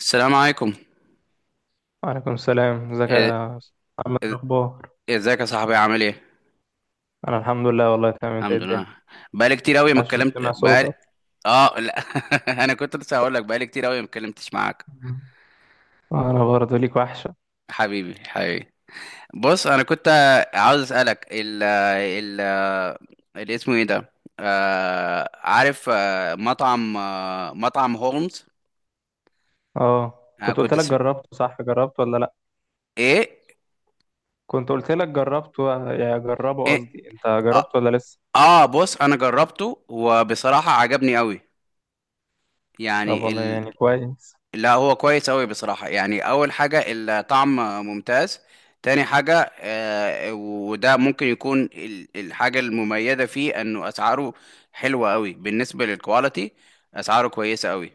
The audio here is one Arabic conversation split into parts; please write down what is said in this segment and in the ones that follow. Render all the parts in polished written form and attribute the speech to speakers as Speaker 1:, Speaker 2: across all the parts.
Speaker 1: السلام عليكم.
Speaker 2: وعليكم السلام. ازيك
Speaker 1: إ-
Speaker 2: يا أستاذ محمد؟
Speaker 1: إ-
Speaker 2: الاخبار؟
Speaker 1: ازيك يا صاحبي، عامل ايه؟
Speaker 2: انا الحمد لله والله تمام. انت إيه
Speaker 1: الحمد
Speaker 2: الدنيا؟
Speaker 1: لله. بقالي كتير قوي ما
Speaker 2: عاش من
Speaker 1: اتكلمت
Speaker 2: سمع صوتك.
Speaker 1: بقالي. اه لا. انا كنت لسه هقول لك بقالي كتير قوي ما اتكلمتش معاك.
Speaker 2: مم. انا برضه ليك وحشه.
Speaker 1: حبيبي حبيبي. بص انا كنت عاوز اسالك ال اللي اسمه ايه ده، عارف، مطعم هولمز.
Speaker 2: اه،
Speaker 1: آه
Speaker 2: كنت قلت
Speaker 1: كنت
Speaker 2: لك
Speaker 1: س...
Speaker 2: جربته، صح؟ جربته ولا لا؟
Speaker 1: ايه
Speaker 2: كنت قلت لك جربته، يا جربه
Speaker 1: ايه
Speaker 2: قصدي، انت جربته
Speaker 1: اه
Speaker 2: ولا لسه؟
Speaker 1: آه، بص انا جربته وبصراحة عجبني قوي
Speaker 2: طب
Speaker 1: يعني.
Speaker 2: والله يعني كويس.
Speaker 1: لا هو كويس أوي بصراحة، يعني أول حاجة الطعم ممتاز، تاني حاجة وده ممكن يكون الحاجة المميزة فيه إنه أسعاره حلوة أوي بالنسبة للكواليتي. أسعاره كويسة أوي.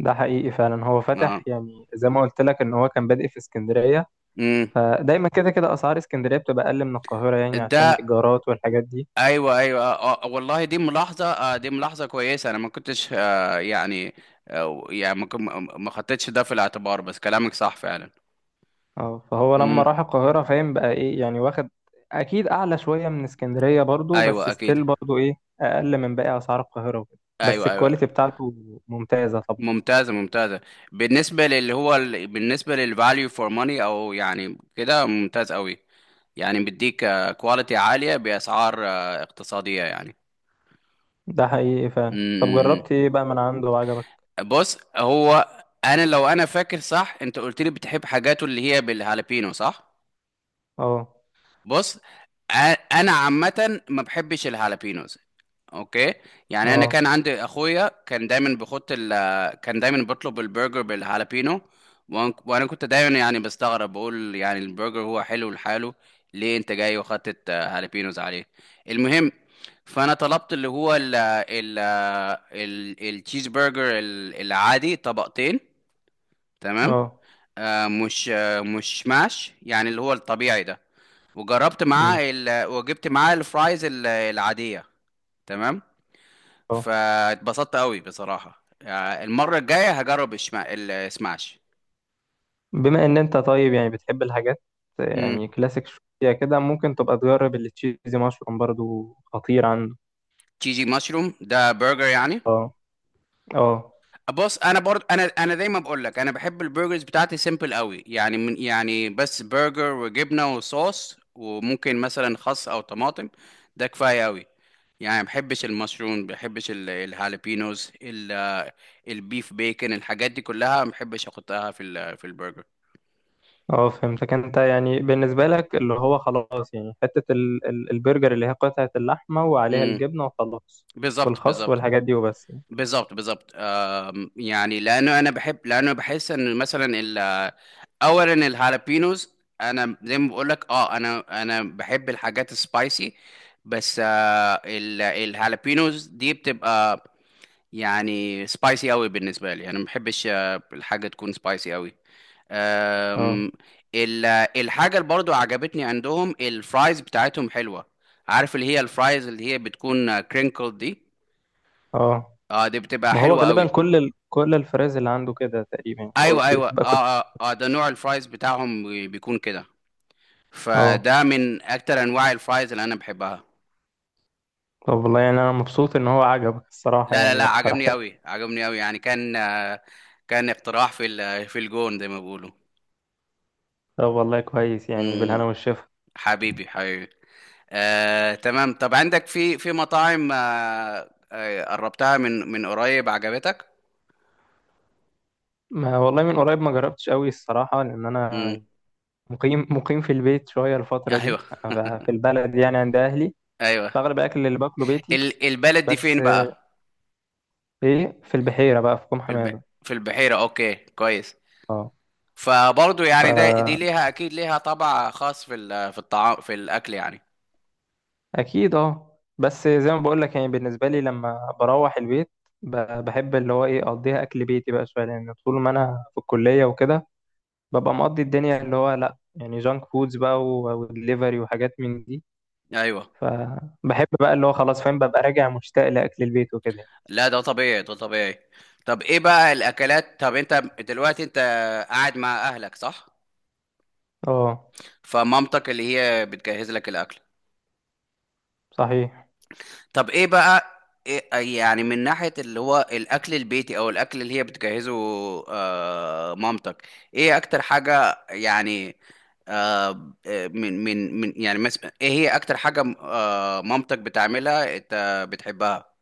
Speaker 2: ده حقيقي فعلا، هو
Speaker 1: اه.
Speaker 2: فاتح يعني زي ما قلت لك ان هو كان بادئ في اسكندريه.
Speaker 1: امم.
Speaker 2: فدايما كده كده اسعار اسكندريه بتبقى اقل من القاهره، يعني عشان
Speaker 1: ده
Speaker 2: الايجارات والحاجات دي.
Speaker 1: أيوه أيوه والله دي ملاحظة، دي ملاحظة كويسة. أنا ما كنتش يعني آه يعني ما كن- ما خدتش ده في الاعتبار، بس كلامك صح فعلا.
Speaker 2: اه، فهو لما
Speaker 1: امم.
Speaker 2: راح القاهرة فاهم بقى ايه يعني، واخد اكيد اعلى شوية من اسكندرية برضو، بس
Speaker 1: أيوه أكيد.
Speaker 2: ستيل برضو ايه، اقل من باقي اسعار القاهرة وكده. بس
Speaker 1: أيوه
Speaker 2: الكواليتي
Speaker 1: أيوه.
Speaker 2: بتاعته ممتازة طبعا.
Speaker 1: ممتازة ممتازة. بالنسبة للي هو بالنسبة للفاليو فور ماني، او يعني كده ممتاز قوي، يعني بيديك كواليتي عالية بأسعار اقتصادية يعني.
Speaker 2: ده حقيقي
Speaker 1: م-
Speaker 2: فعلا. طب
Speaker 1: م- م.
Speaker 2: جربت ايه بقى من عنده وعجبك؟
Speaker 1: بص هو، انا لو انا فاكر صح انت قلت لي بتحب حاجاته اللي هي بالهالبينو صح؟
Speaker 2: اه.
Speaker 1: بص أ- انا عامه ما بحبش الهالابينوز، اوكي. يعني انا
Speaker 2: اه.
Speaker 1: كان عندي اخويا كان دايما بيحط كان دايما بيطلب البرجر بالهالابينو. وانا كنت دايما يعني بستغرب، بقول يعني البرجر هو حلو لحاله، ليه انت جاي وحطت هالابينوز عليه. المهم، فانا طلبت اللي هو ال التشيز برجر العادي طبقتين، تمام.
Speaker 2: اه.
Speaker 1: مش ماش، يعني اللي هو الطبيعي ده.
Speaker 2: امم.
Speaker 1: وجبت معاه الفرايز العادية، تمام.
Speaker 2: اه،
Speaker 1: فاتبسطت قوي بصراحة. المرة الجاية هجرب السماش.
Speaker 2: بما ان انت طيب يعني بتحب الحاجات،
Speaker 1: امم.
Speaker 2: يعني كلاسيك شوية كده، ممكن تبقى تجرب التشيزي مشروم، برضو خطير عنده.
Speaker 1: جي مشروم ده برجر يعني؟
Speaker 2: اه. اه.
Speaker 1: بص انا برضه، انا دايما بقول لك انا بحب البرجرز بتاعتي سيمبل قوي، يعني يعني بس برجر وجبنه وصوص وممكن مثلا خس او طماطم. ده كفايه قوي. يعني ما بحبش المشروم، ما بحبش الهالبينوز، البيف بيكن، الحاجات دي كلها ما بحبش احطها في في البرجر.
Speaker 2: اه. فهمتك. انت يعني بالنسبة لك اللي هو خلاص، يعني حتة ال البرجر اللي هي قطعة اللحمة وعليها
Speaker 1: امم.
Speaker 2: الجبنة وخلاص،
Speaker 1: بالظبط
Speaker 2: والخس
Speaker 1: بالظبط.
Speaker 2: والحاجات دي وبس يعني.
Speaker 1: بالظبط بالظبط. يعني لانه انا بحب، لانه بحس ان مثلا اولا الهالابينوز، انا زي ما بقول لك اه، انا بحب الحاجات السبايسي، بس الهالابينوز دي بتبقى يعني سبايسي قوي. بالنسبه لي انا ما بحبش الحاجه تكون سبايسي قوي.
Speaker 2: اه.
Speaker 1: أم، ال- الحاجة اللي برضو عجبتني عندهم الفرايز بتاعتهم حلوة. عارف اللي هي الفرايز اللي هي بتكون كرينكل دي،
Speaker 2: اه.
Speaker 1: اه دي بتبقى
Speaker 2: ما هو
Speaker 1: حلوة
Speaker 2: غالبا
Speaker 1: قوي.
Speaker 2: كل الفراز اللي عنده كده تقريبا يعني، هو
Speaker 1: ايوه ايوه اه
Speaker 2: بتبقى كل
Speaker 1: اه، ده نوع الفرايز بتاعهم بيكون كده.
Speaker 2: اه.
Speaker 1: فده من اكتر انواع الفرايز اللي انا بحبها.
Speaker 2: طب والله يعني انا مبسوط ان هو عجبك الصراحة،
Speaker 1: لا لا لا،
Speaker 2: يعني
Speaker 1: عجبني
Speaker 2: اقترحت.
Speaker 1: قوي عجبني قوي، يعني كان كان اقتراح في في الجون زي ما بيقولوا.
Speaker 2: طب والله كويس، يعني
Speaker 1: مم.
Speaker 2: بالهنا والشفا.
Speaker 1: حبيبي حبيبي. تمام. طب عندك في في مطاعم قربتها من من قريب عجبتك؟
Speaker 2: ما والله من قريب ما جربتش قوي الصراحة، لأن
Speaker 1: امم.
Speaker 2: أنا مقيم في البيت شوية الفترة دي،
Speaker 1: ايوه.
Speaker 2: ف- في البلد يعني عند أهلي.
Speaker 1: ايوه.
Speaker 2: فأغلب الأكل اللي باكله بيتي.
Speaker 1: البلد دي فين
Speaker 2: بس
Speaker 1: بقى؟
Speaker 2: ايه، في البحيرة بقى، في كوم حمادة.
Speaker 1: في البحيرة، اوكي كويس.
Speaker 2: اه.
Speaker 1: فبرضه يعني ده دي
Speaker 2: فأكيد.
Speaker 1: ليها اكيد ليها طبع خاص في في الطعام في الاكل يعني.
Speaker 2: اه، بس زي ما بقول لك يعني بالنسبة لي لما بروح البيت، بحب اللي هو ايه أقضيها أكل بيتي بقى شوية، لأن طول ما أنا في الكلية وكده ببقى مقضي الدنيا اللي هو لأ، يعني جانك فودز بقى ودليفري وحاجات من دي،
Speaker 1: ايوه.
Speaker 2: فبحب بقى اللي هو خلاص فاهم، ببقى راجع مشتاق لأكل البيت وكده.
Speaker 1: لا ده طبيعي ده طبيعي. طب ايه بقى الاكلات؟ طب انت دلوقتي انت قاعد مع اهلك صح؟
Speaker 2: اه.
Speaker 1: فمامتك اللي هي بتجهز لك الاكل؟
Speaker 2: صحيح.
Speaker 1: طب ايه بقى إيه يعني من ناحية اللي هو الأكل البيتي أو الأكل اللي هي بتجهزه مامتك، ايه أكتر حاجة يعني؟ آه آه، من من من يعني مثلا ايه هي أكتر حاجة مامتك بتعملها انت بتحبها؟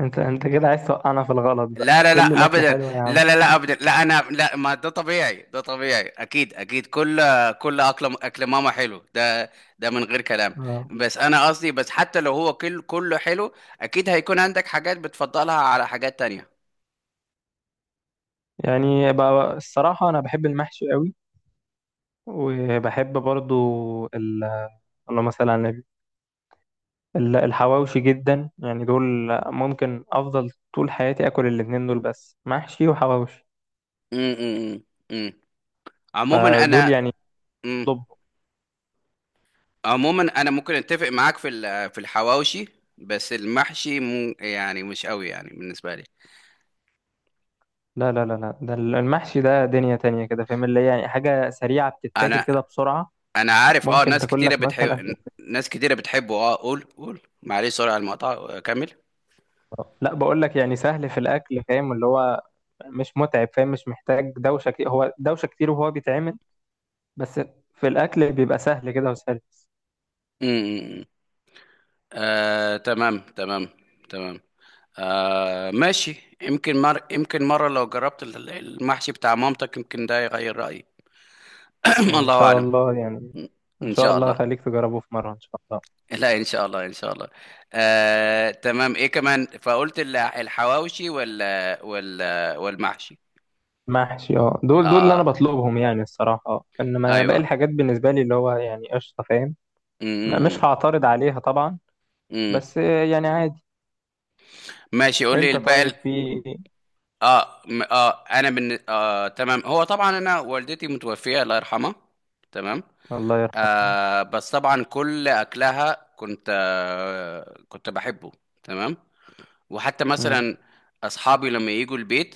Speaker 2: انت كده عايز توقعنا في الغلط، بقى
Speaker 1: لا لا
Speaker 2: كل
Speaker 1: لا
Speaker 2: الأكل
Speaker 1: ابدا.
Speaker 2: حلو يا عم.
Speaker 1: لا لا لا ابدا، لا انا لا، ما ده طبيعي ده طبيعي، اكيد اكيد، كل، كل اكل، اكل ماما حلو ده، ده من غير كلام.
Speaker 2: اه،
Speaker 1: بس انا قصدي بس حتى لو هو كل كله حلو، اكيد هيكون عندك حاجات بتفضلها على حاجات تانية.
Speaker 2: يعني بقى الصراحة أنا بحب المحشي قوي، وبحب برضو ال... اللهم مثلا على النبي الحواوشي جدا، يعني دول ممكن افضل طول حياتي اكل الاتنين دول، بس محشي وحواوشي.
Speaker 1: امم. أمم. عموما
Speaker 2: فدول
Speaker 1: انا،
Speaker 2: يعني.
Speaker 1: امم،
Speaker 2: طب
Speaker 1: عموما انا ممكن اتفق معاك في في الحواوشي، بس المحشي مو يعني مش قوي يعني بالنسبة لي.
Speaker 2: لا لا لا لا، ده المحشي ده دنيا تانية كده فاهم، اللي هي يعني حاجة سريعة بتتاكل
Speaker 1: انا،
Speaker 2: كده بسرعة،
Speaker 1: عارف اه،
Speaker 2: ممكن
Speaker 1: ناس
Speaker 2: تاكل
Speaker 1: كتيره
Speaker 2: لك
Speaker 1: بتحب،
Speaker 2: مثلا.
Speaker 1: ناس كتيره بتحبه اه. قول قول، معلش سوري على المقطع، كمل.
Speaker 2: لا بقول لك يعني سهل في الاكل فاهم، اللي هو مش متعب فاهم، مش محتاج دوشة كتير، هو دوشة كتير وهو بيتعمل بس، في الاكل بيبقى سهل كده وسهل.
Speaker 1: امم. آه تمام تمام تمام. ماشي، يمكن يمكن مرة لو جربت المحشي بتاع مامتك يمكن ده يغير رأيي.
Speaker 2: ان
Speaker 1: الله
Speaker 2: شاء
Speaker 1: أعلم.
Speaker 2: الله يعني. ان
Speaker 1: إن
Speaker 2: شاء
Speaker 1: شاء
Speaker 2: الله
Speaker 1: الله.
Speaker 2: خليك تجربه في مره ان شاء الله.
Speaker 1: لا إن شاء الله إن شاء الله. تمام. إيه كمان فقلت الحواوشي ولا والمحشي؟
Speaker 2: محشي، اه، دول اللي انا
Speaker 1: آه
Speaker 2: بطلبهم يعني الصراحه، اه، انما باقي
Speaker 1: أيوه.
Speaker 2: الحاجات بالنسبه لي اللي هو يعني قشطه فاهم،
Speaker 1: م-
Speaker 2: مش
Speaker 1: م-
Speaker 2: هعترض عليها طبعا،
Speaker 1: م.
Speaker 2: بس يعني عادي.
Speaker 1: ماشي قول لي
Speaker 2: انت طيب
Speaker 1: الباقي.
Speaker 2: في.
Speaker 1: اه م- اه انا من آه تمام. هو طبعا انا والدتي متوفيه الله يرحمها. تمام.
Speaker 2: الله يرحمه.
Speaker 1: بس طبعا كل اكلها كنت كنت بحبه. تمام. وحتى
Speaker 2: امم.
Speaker 1: مثلا اصحابي لما يجوا البيت،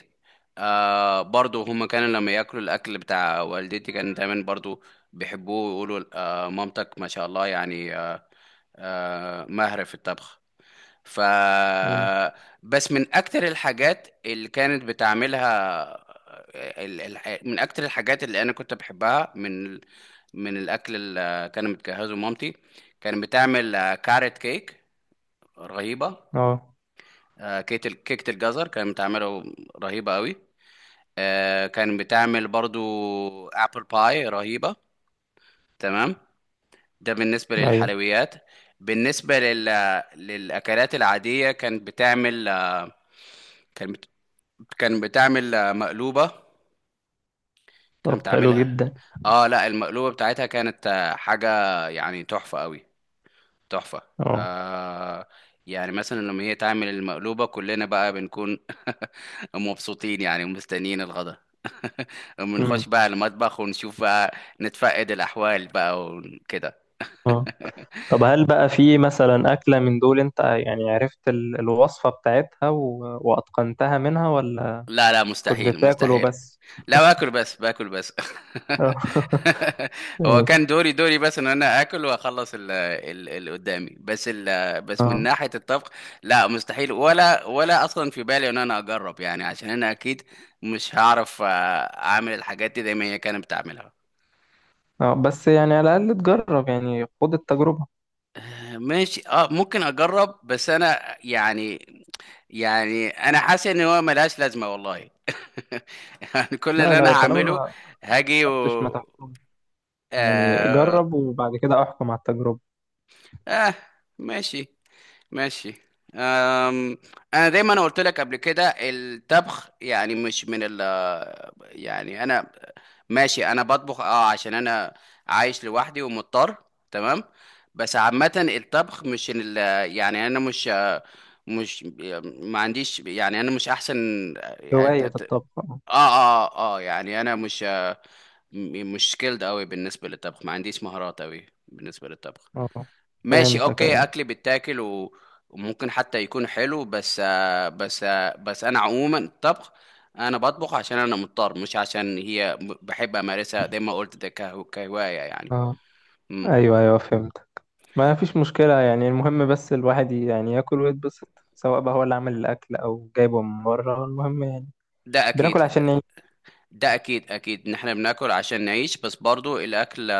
Speaker 1: برضو هم كانوا لما ياكلوا الاكل بتاع والدتي كانوا دايما برضو بيحبوه ويقولوا مامتك ما شاء الله، يعني ماهره في الطبخ. ف
Speaker 2: امم.
Speaker 1: بس من اكتر الحاجات اللي كانت بتعملها، من اكتر الحاجات اللي انا كنت بحبها من من الاكل اللي كان متجهزه مامتي، كانت بتعمل كاريت كيك رهيبه.
Speaker 2: اه،
Speaker 1: كيك كيكه الجزر كانت بتعمله رهيبه قوي. كانت بتعمل برضو ابل باي رهيبه، تمام. ده بالنسبه
Speaker 2: ايوه.
Speaker 1: للحلويات. بالنسبه للاكلات العاديه كانت بتعمل، كانت بتعمل مقلوبة، كانت
Speaker 2: طب حلو
Speaker 1: بتعملها.
Speaker 2: جدا.
Speaker 1: اه لا المقلوبة بتاعتها كانت حاجة يعني تحفة قوي، تحفة.
Speaker 2: اه.
Speaker 1: آه يعني مثلا لما هي تعمل المقلوبة كلنا بقى بنكون مبسوطين يعني ومستنيين الغدا.
Speaker 2: امم.
Speaker 1: بنخش بقى المطبخ ونشوف بقى، نتفقد الأحوال بقى وكده.
Speaker 2: اه. طب هل بقى في مثلا اكله من دول انت يعني عرفت الوصفه بتاعتها واتقنتها منها، ولا
Speaker 1: لا لا
Speaker 2: كنت
Speaker 1: مستحيل
Speaker 2: بتاكل
Speaker 1: مستحيل.
Speaker 2: وبس؟
Speaker 1: لا باكل بس، باكل بس. هو
Speaker 2: ماشي.
Speaker 1: كان دوري دوري بس ان انا اكل واخلص اللي قدامي بس. بس من
Speaker 2: اه.
Speaker 1: ناحيه الطبخ لا مستحيل، ولا ولا اصلا في بالي ان انا اجرب، يعني عشان انا اكيد مش هعرف اعمل الحاجات دي زي ما هي كانت بتعملها.
Speaker 2: اه، بس يعني على الأقل تجرب، يعني خد التجربة.
Speaker 1: ماشي اه ممكن اجرب، بس انا يعني، يعني انا حاسس ان هو ملهاش لازمه والله. يعني كل
Speaker 2: لا
Speaker 1: اللي انا
Speaker 2: لا، طالما
Speaker 1: هعمله
Speaker 2: ما
Speaker 1: هاجي و...
Speaker 2: جربتش ما تحكمش. يعني
Speaker 1: آه,
Speaker 2: جرب وبعد كده احكم على التجربة.
Speaker 1: آه ماشي ماشي. آم، أنا دايما قلت لك قبل كده الطبخ يعني مش من ال يعني أنا ماشي، أنا بطبخ أه عشان أنا عايش لوحدي ومضطر، تمام. بس عامة الطبخ مش من ال يعني أنا مش مش ما عنديش، يعني أنا مش أحسن آه
Speaker 2: هواية الطبخ، اه.
Speaker 1: يعني أنا مش سكيلد أوي بالنسبة للطبخ، ما عنديش مهارات أوي بالنسبة للطبخ.
Speaker 2: اه.
Speaker 1: ماشي
Speaker 2: فهمتك،
Speaker 1: اوكي،
Speaker 2: أيوه.
Speaker 1: اكل بيتاكل وممكن حتى يكون حلو، بس بس انا عموما الطبخ، انا بطبخ عشان انا مضطر مش عشان هي بحب امارسها زي ما قلت ده كهواية يعني.
Speaker 2: اه،
Speaker 1: امم.
Speaker 2: أيوه أيوه فهمت. ما فيش مشكلة يعني، المهم بس الواحد يعني ياكل ويتبسط، سواء بقى هو اللي عامل الأكل أو جايبه من بره، المهم يعني
Speaker 1: ده
Speaker 2: بناكل
Speaker 1: اكيد
Speaker 2: عشان نعيش.
Speaker 1: ده اكيد اكيد ان احنا بناكل عشان نعيش، بس برضو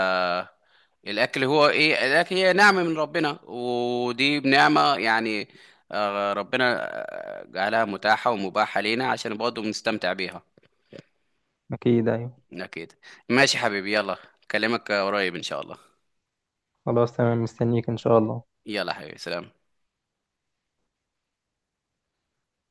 Speaker 1: الاكل هو ايه، الاكل هي نعمة من ربنا ودي بنعمة، يعني ربنا جعلها متاحة ومباحة لينا عشان برضو بنستمتع بيها.
Speaker 2: أكيد، أيوه.
Speaker 1: أكيد. ماشي حبيبي يلا، أكلمك قريب إن شاء الله.
Speaker 2: خلاص تمام مستنيك إن شاء الله.
Speaker 1: يلا حبيبي سلام.